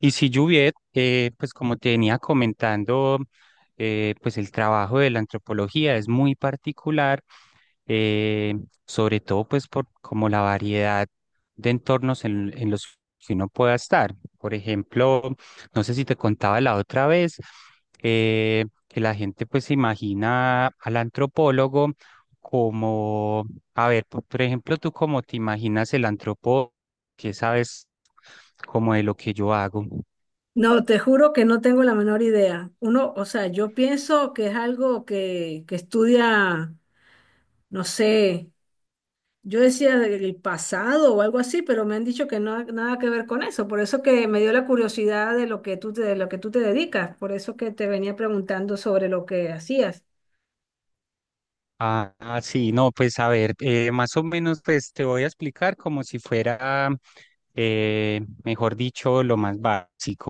Y si Juviet, pues como te venía comentando, pues el trabajo de la antropología es muy particular, eh, sobre todo pues por como la variedad de entornos en los que uno pueda estar. Por ejemplo, no sé si te contaba la otra vez, que la gente pues se imagina al antropólogo como, a ver, por ejemplo, tú cómo te imaginas el antropólogo, que sabes como de lo que yo hago. No, te juro que no tengo la menor idea. Uno, o sea, yo pienso que es algo que estudia, no sé, yo decía del pasado o algo así, pero me han dicho que no nada que ver con eso. Por eso que me dio la curiosidad de lo que de lo que tú te dedicas. Por eso que te venía preguntando sobre lo que hacías. Ah, ah, sí, no, pues a ver, más o menos pues te voy a explicar como si fuera, mejor dicho, lo más básico.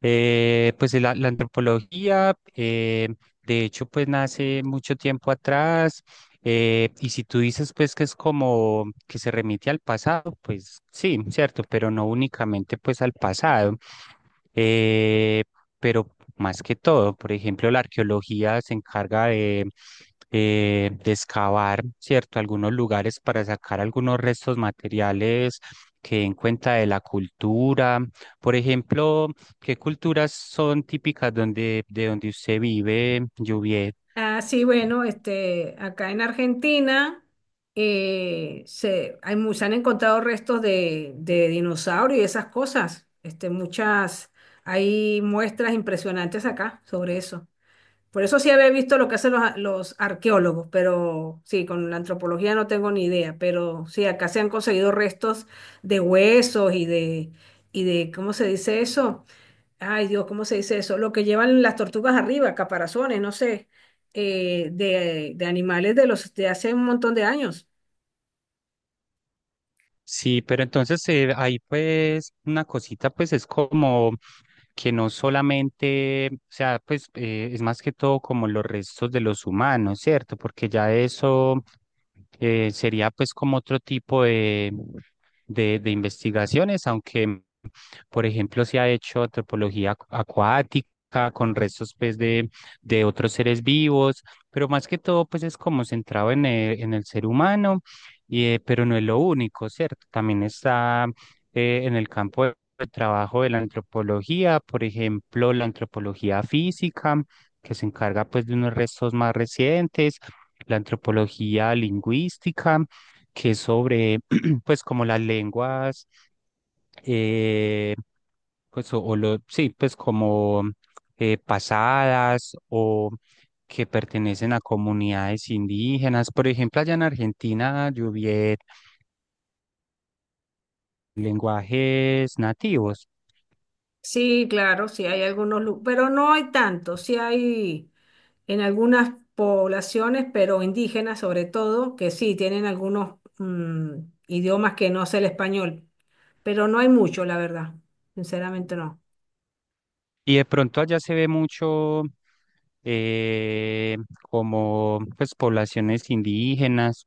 Pues de la antropología, de hecho, pues nace mucho tiempo atrás. Y si tú dices, pues, que es como que se remite al pasado, pues sí, cierto, pero no únicamente, pues, al pasado. eh, pero más que todo, por ejemplo, la arqueología se encarga de excavar, ¿cierto?, algunos lugares para sacar algunos restos materiales que den cuenta de la cultura. Por ejemplo, ¿qué culturas son típicas donde, de donde usted vive, Juviet? Ah, sí, bueno, este, acá en Argentina se han encontrado restos de dinosaurios y esas cosas. Este, muchas, hay muestras impresionantes acá sobre eso. Por eso sí había visto lo que hacen los arqueólogos, pero sí, con la antropología no tengo ni idea. Pero sí, acá se han conseguido restos de huesos y de, ¿cómo se dice eso? Ay, Dios, ¿cómo se dice eso? Lo que llevan las tortugas arriba, caparazones, no sé, de animales de los de hace un montón de años. Sí, pero entonces ahí pues una cosita pues es como que no solamente, o sea, pues es más que todo como los restos de los humanos, ¿cierto? Porque ya eso sería pues como otro tipo de investigaciones, aunque por ejemplo se ha hecho antropología acuática con restos pues de otros seres vivos, pero más que todo pues es como centrado en el ser humano y, pero no es lo único, ¿cierto? También está en el campo de trabajo de la antropología, por ejemplo, la antropología física, que se encarga pues de unos restos más recientes, la antropología lingüística, que es sobre pues como las lenguas, eh, pues o lo, sí, pues como pasadas que pertenecen a comunidades indígenas. Por ejemplo, allá en Argentina, Lluviet, lenguajes nativos. Sí, claro, sí hay algunos, pero no hay tantos. Sí hay en algunas poblaciones, pero indígenas sobre todo, que sí tienen algunos idiomas que no es el español, pero no hay mucho, la verdad. Sinceramente no. Y de pronto allá se ve mucho eh, como pues poblaciones indígenas.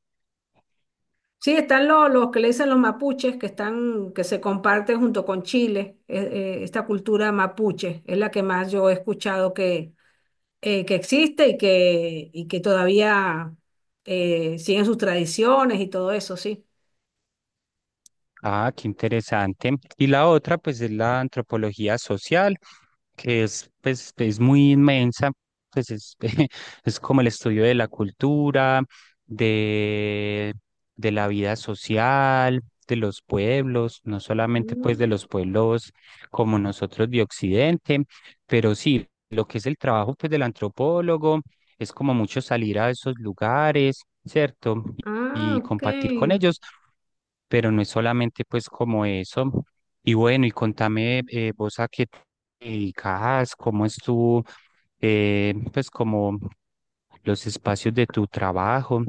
Sí, están los que le dicen los mapuches, que están, que se comparten junto con Chile. Esta cultura mapuche es la que más yo he escuchado que existe y que todavía siguen sus tradiciones y todo eso, sí. Ah, qué interesante. Y la otra, pues, es la antropología social, que es, pues, es muy inmensa, pues es, es como el estudio de la cultura, de, de la vida social, de los pueblos, no solamente pues de Mm. los pueblos como nosotros de Occidente, pero sí, lo que es el trabajo pues del antropólogo es como mucho salir a esos lugares, ¿cierto? Ah, Y ok. compartir con ellos, pero no es solamente pues como eso. Y bueno, y contame vos a qué te dedicas, cómo es tu, pues como los espacios de tu trabajo.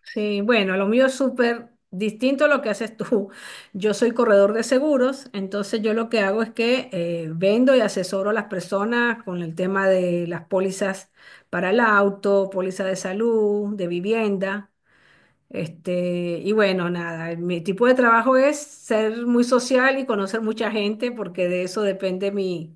Sí, bueno, lo mío es súper distinto a lo que haces tú. Yo soy corredor de seguros, entonces yo lo que hago es que vendo y asesoro a las personas con el tema de las pólizas para el auto, póliza de salud, de vivienda. Este, y bueno, nada, mi tipo de trabajo es ser muy social y conocer mucha gente porque de eso depende mi,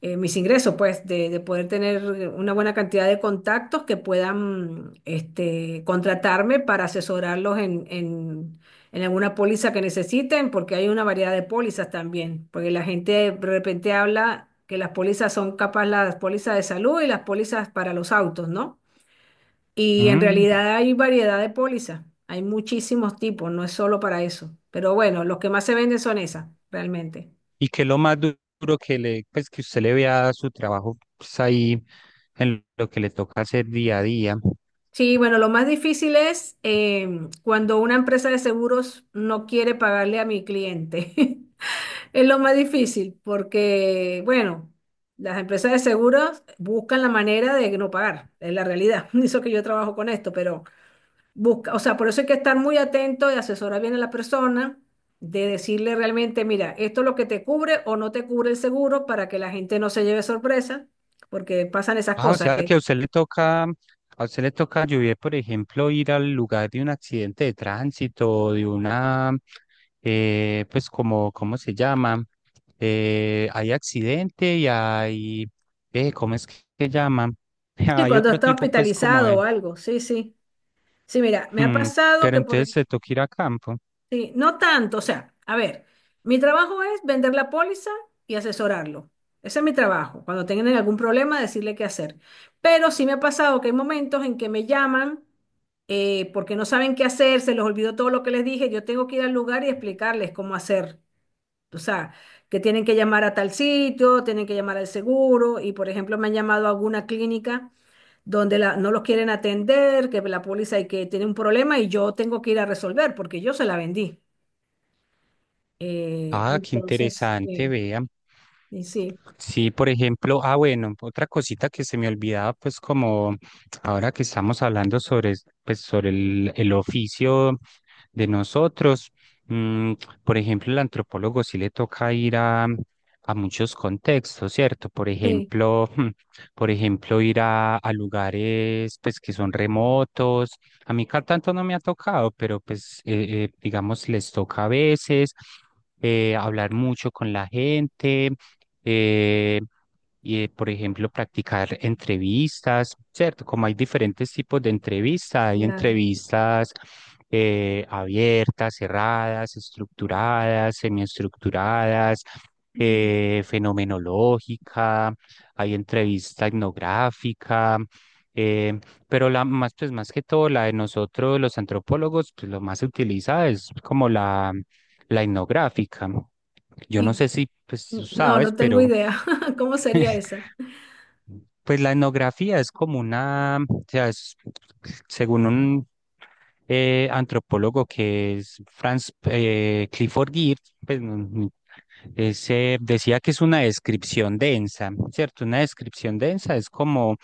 mis ingresos, pues, de poder tener una buena cantidad de contactos que puedan este, contratarme para asesorarlos en alguna póliza que necesiten, porque hay una variedad de pólizas también, porque la gente de repente habla que las pólizas son capaz las pólizas de salud y las pólizas para los autos, ¿no? Y en Mm, realidad hay variedad de pólizas, hay muchísimos tipos, no es solo para eso, pero bueno, los que más se venden son esas, realmente. ¿y qué es lo más duro que le, pues que usted le vea a su trabajo pues, ahí en lo que le toca hacer día a día? Sí, bueno, lo más difícil es cuando una empresa de seguros no quiere pagarle a mi cliente. Es lo más difícil porque, bueno, las empresas de seguros buscan la manera de no pagar, es la realidad. Eso que yo trabajo con esto, pero busca, o sea, por eso hay que estar muy atento y asesorar bien a la persona, de decirle realmente, mira, esto es lo que te cubre o no te cubre el seguro para que la gente no se lleve sorpresa, porque pasan esas Ah, o cosas sea que a que, usted le toca, a usted le toca lluvia, por ejemplo, ir al lugar de un accidente de tránsito, o de una, pues como, ¿cómo se llama? Hay accidente y hay, ¿cómo es que se llama? sí, Hay cuando otro está tipo, pues como hospitalizado de, o algo, sí, sí. Sí, mira, me ha mm, pasado pero entonces se toca ir a campo. sí, no tanto, o sea, a ver, mi trabajo es vender la póliza y asesorarlo. Ese es mi trabajo. Cuando tengan algún problema, decirle qué hacer. Pero sí me ha pasado que hay momentos en que me llaman porque no saben qué hacer, se les olvidó todo lo que les dije, yo tengo que ir al lugar y explicarles cómo hacer. O sea, que tienen que llamar a tal sitio, tienen que llamar al seguro y, por ejemplo, me han llamado a alguna clínica donde no los quieren atender, que la póliza y que tiene un problema y yo tengo que ir a resolver porque yo se la vendí. Ah, qué Entonces, interesante, sí, vean. y sí, Sí, por ejemplo, ah, bueno, otra cosita que se me olvidaba, pues como ahora que estamos hablando sobre, pues, sobre el oficio de nosotros, mm, por ejemplo, el antropólogo sí le toca ir a muchos contextos, ¿cierto? Por sí, ejemplo, por ejemplo, ir a lugares, pues, que son remotos, a mí tanto no me ha tocado, pero pues digamos les toca a veces hablar mucho con la gente, eh, y por ejemplo practicar entrevistas, ¿cierto? Como hay diferentes tipos de entrevistas, hay claro. entrevistas abiertas, cerradas, estructuradas, semiestructuradas, Mm. Fenomenológica, hay entrevista etnográfica. eh, pero la más, pues más que todo, la de nosotros, los antropólogos, pues lo más se utiliza es como la etnográfica. Yo no Y sé si, pues tú no, sabes, no tengo pero idea cómo sería esa. pues la etnografía es como una, o sea, es- según un antropólogo que es Franz Clifford Geertz, pues, mm, se decía que es una descripción densa, ¿cierto? Una descripción densa es como,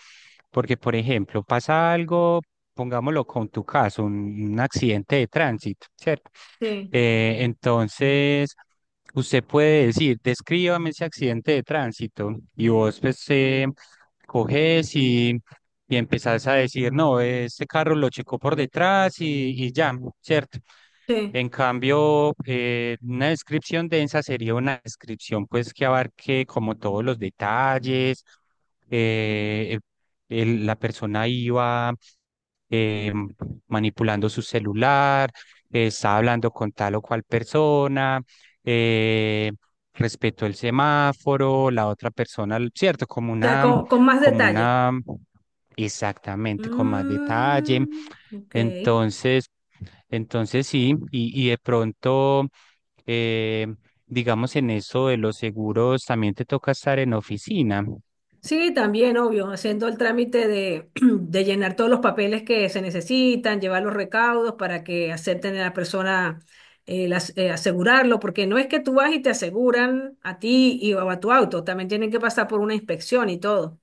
porque por ejemplo, pasa algo, pongámoslo con tu caso, un accidente de tránsito, ¿cierto? Sí, Entonces, usted puede decir, descríbame ese accidente de tránsito y vos pues coges y empezás a decir, no, este carro lo checó por detrás y ya, ¿cierto? sí. En cambio, una descripción densa sería una descripción pues que abarque como todos los detalles, eh, el- la persona iba eh, manipulando su celular, estaba hablando con tal o cual persona, eh, respetó el semáforo, la otra persona, ¿cierto? O sea, con más Como detalle. una, exactamente, con más detalle. Mm, ok. Entonces, entonces sí, y de pronto, eh, digamos, en eso de los seguros, también te toca estar en oficina. Sí, también, obvio, haciendo el trámite de, de llenar todos los papeles que se necesitan, llevar los recaudos para que acepten a la persona asegurarlo, porque no es que tú vas y te aseguran a ti y o a tu auto, también tienen que pasar por una inspección y todo.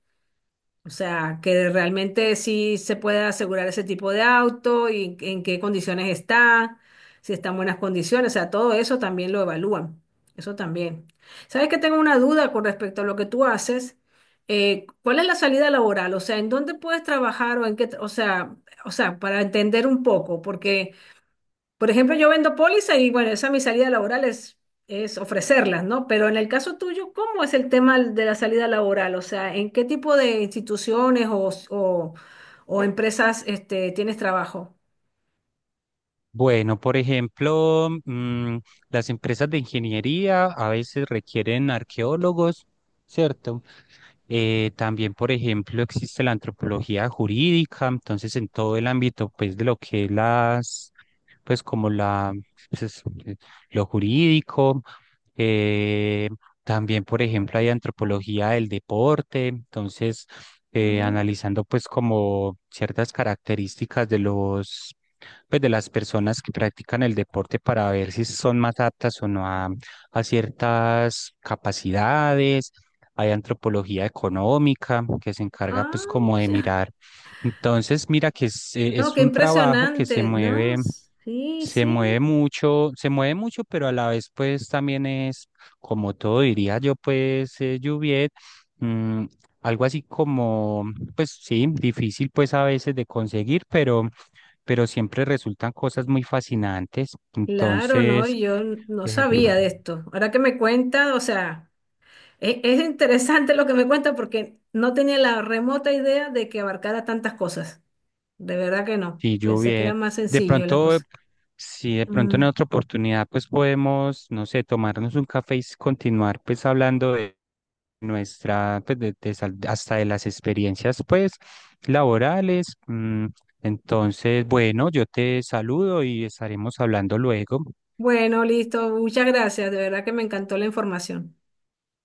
O sea, que realmente sí se puede asegurar ese tipo de auto y en qué condiciones está, si está en buenas condiciones, o sea, todo eso también lo evalúan, eso también. ¿Sabes que tengo una duda con respecto a lo que tú haces? ¿Cuál es la salida laboral? O sea, ¿en dónde puedes trabajar o en qué, o sea, para entender un poco, porque por ejemplo, yo vendo póliza y bueno, esa es mi salida laboral es ofrecerlas, ¿no? Pero en el caso tuyo, ¿cómo es el tema de la salida laboral? O sea, ¿en qué tipo de instituciones o empresas este, tienes trabajo? Bueno, por ejemplo, mm, las empresas de ingeniería a veces requieren arqueólogos, ¿cierto? También, por ejemplo, existe la antropología jurídica, entonces en todo el ámbito, pues, de lo que es las, pues, como la, pues, es, lo jurídico. Eh, también, por ejemplo, hay antropología del deporte, entonces, Mm, analizando, pues, como ciertas características de los, pues, de las personas que practican el deporte para ver si son más aptas o no a, a ciertas capacidades hay antropología económica que se encarga ah, pues como de mira. mirar. Entonces, mira que No, es qué un trabajo que impresionante, ¿no? Sí, sí. Se mueve mucho, pero a la vez pues también es, como todo diría yo pues, Juviet, mm, algo así como, pues sí, difícil pues a veces de conseguir, pero siempre resultan cosas muy fascinantes. Claro, no, Entonces... yo no sabía de claro. esto. Ahora que me cuentas, o sea... Es interesante lo que me cuenta porque no tenía la remota idea de que abarcara tantas cosas. De verdad que no. Sí, yo Pensé que era bien. más De sencillo la pronto, cosa. si de pronto Mm. en otra oportunidad, pues podemos, no sé, tomarnos un café y continuar pues hablando de nuestra, pues de, hasta de las experiencias pues laborales. Mm, entonces, bueno, yo te saludo y estaremos hablando luego. Bueno, listo. Muchas gracias. De verdad que me encantó la información.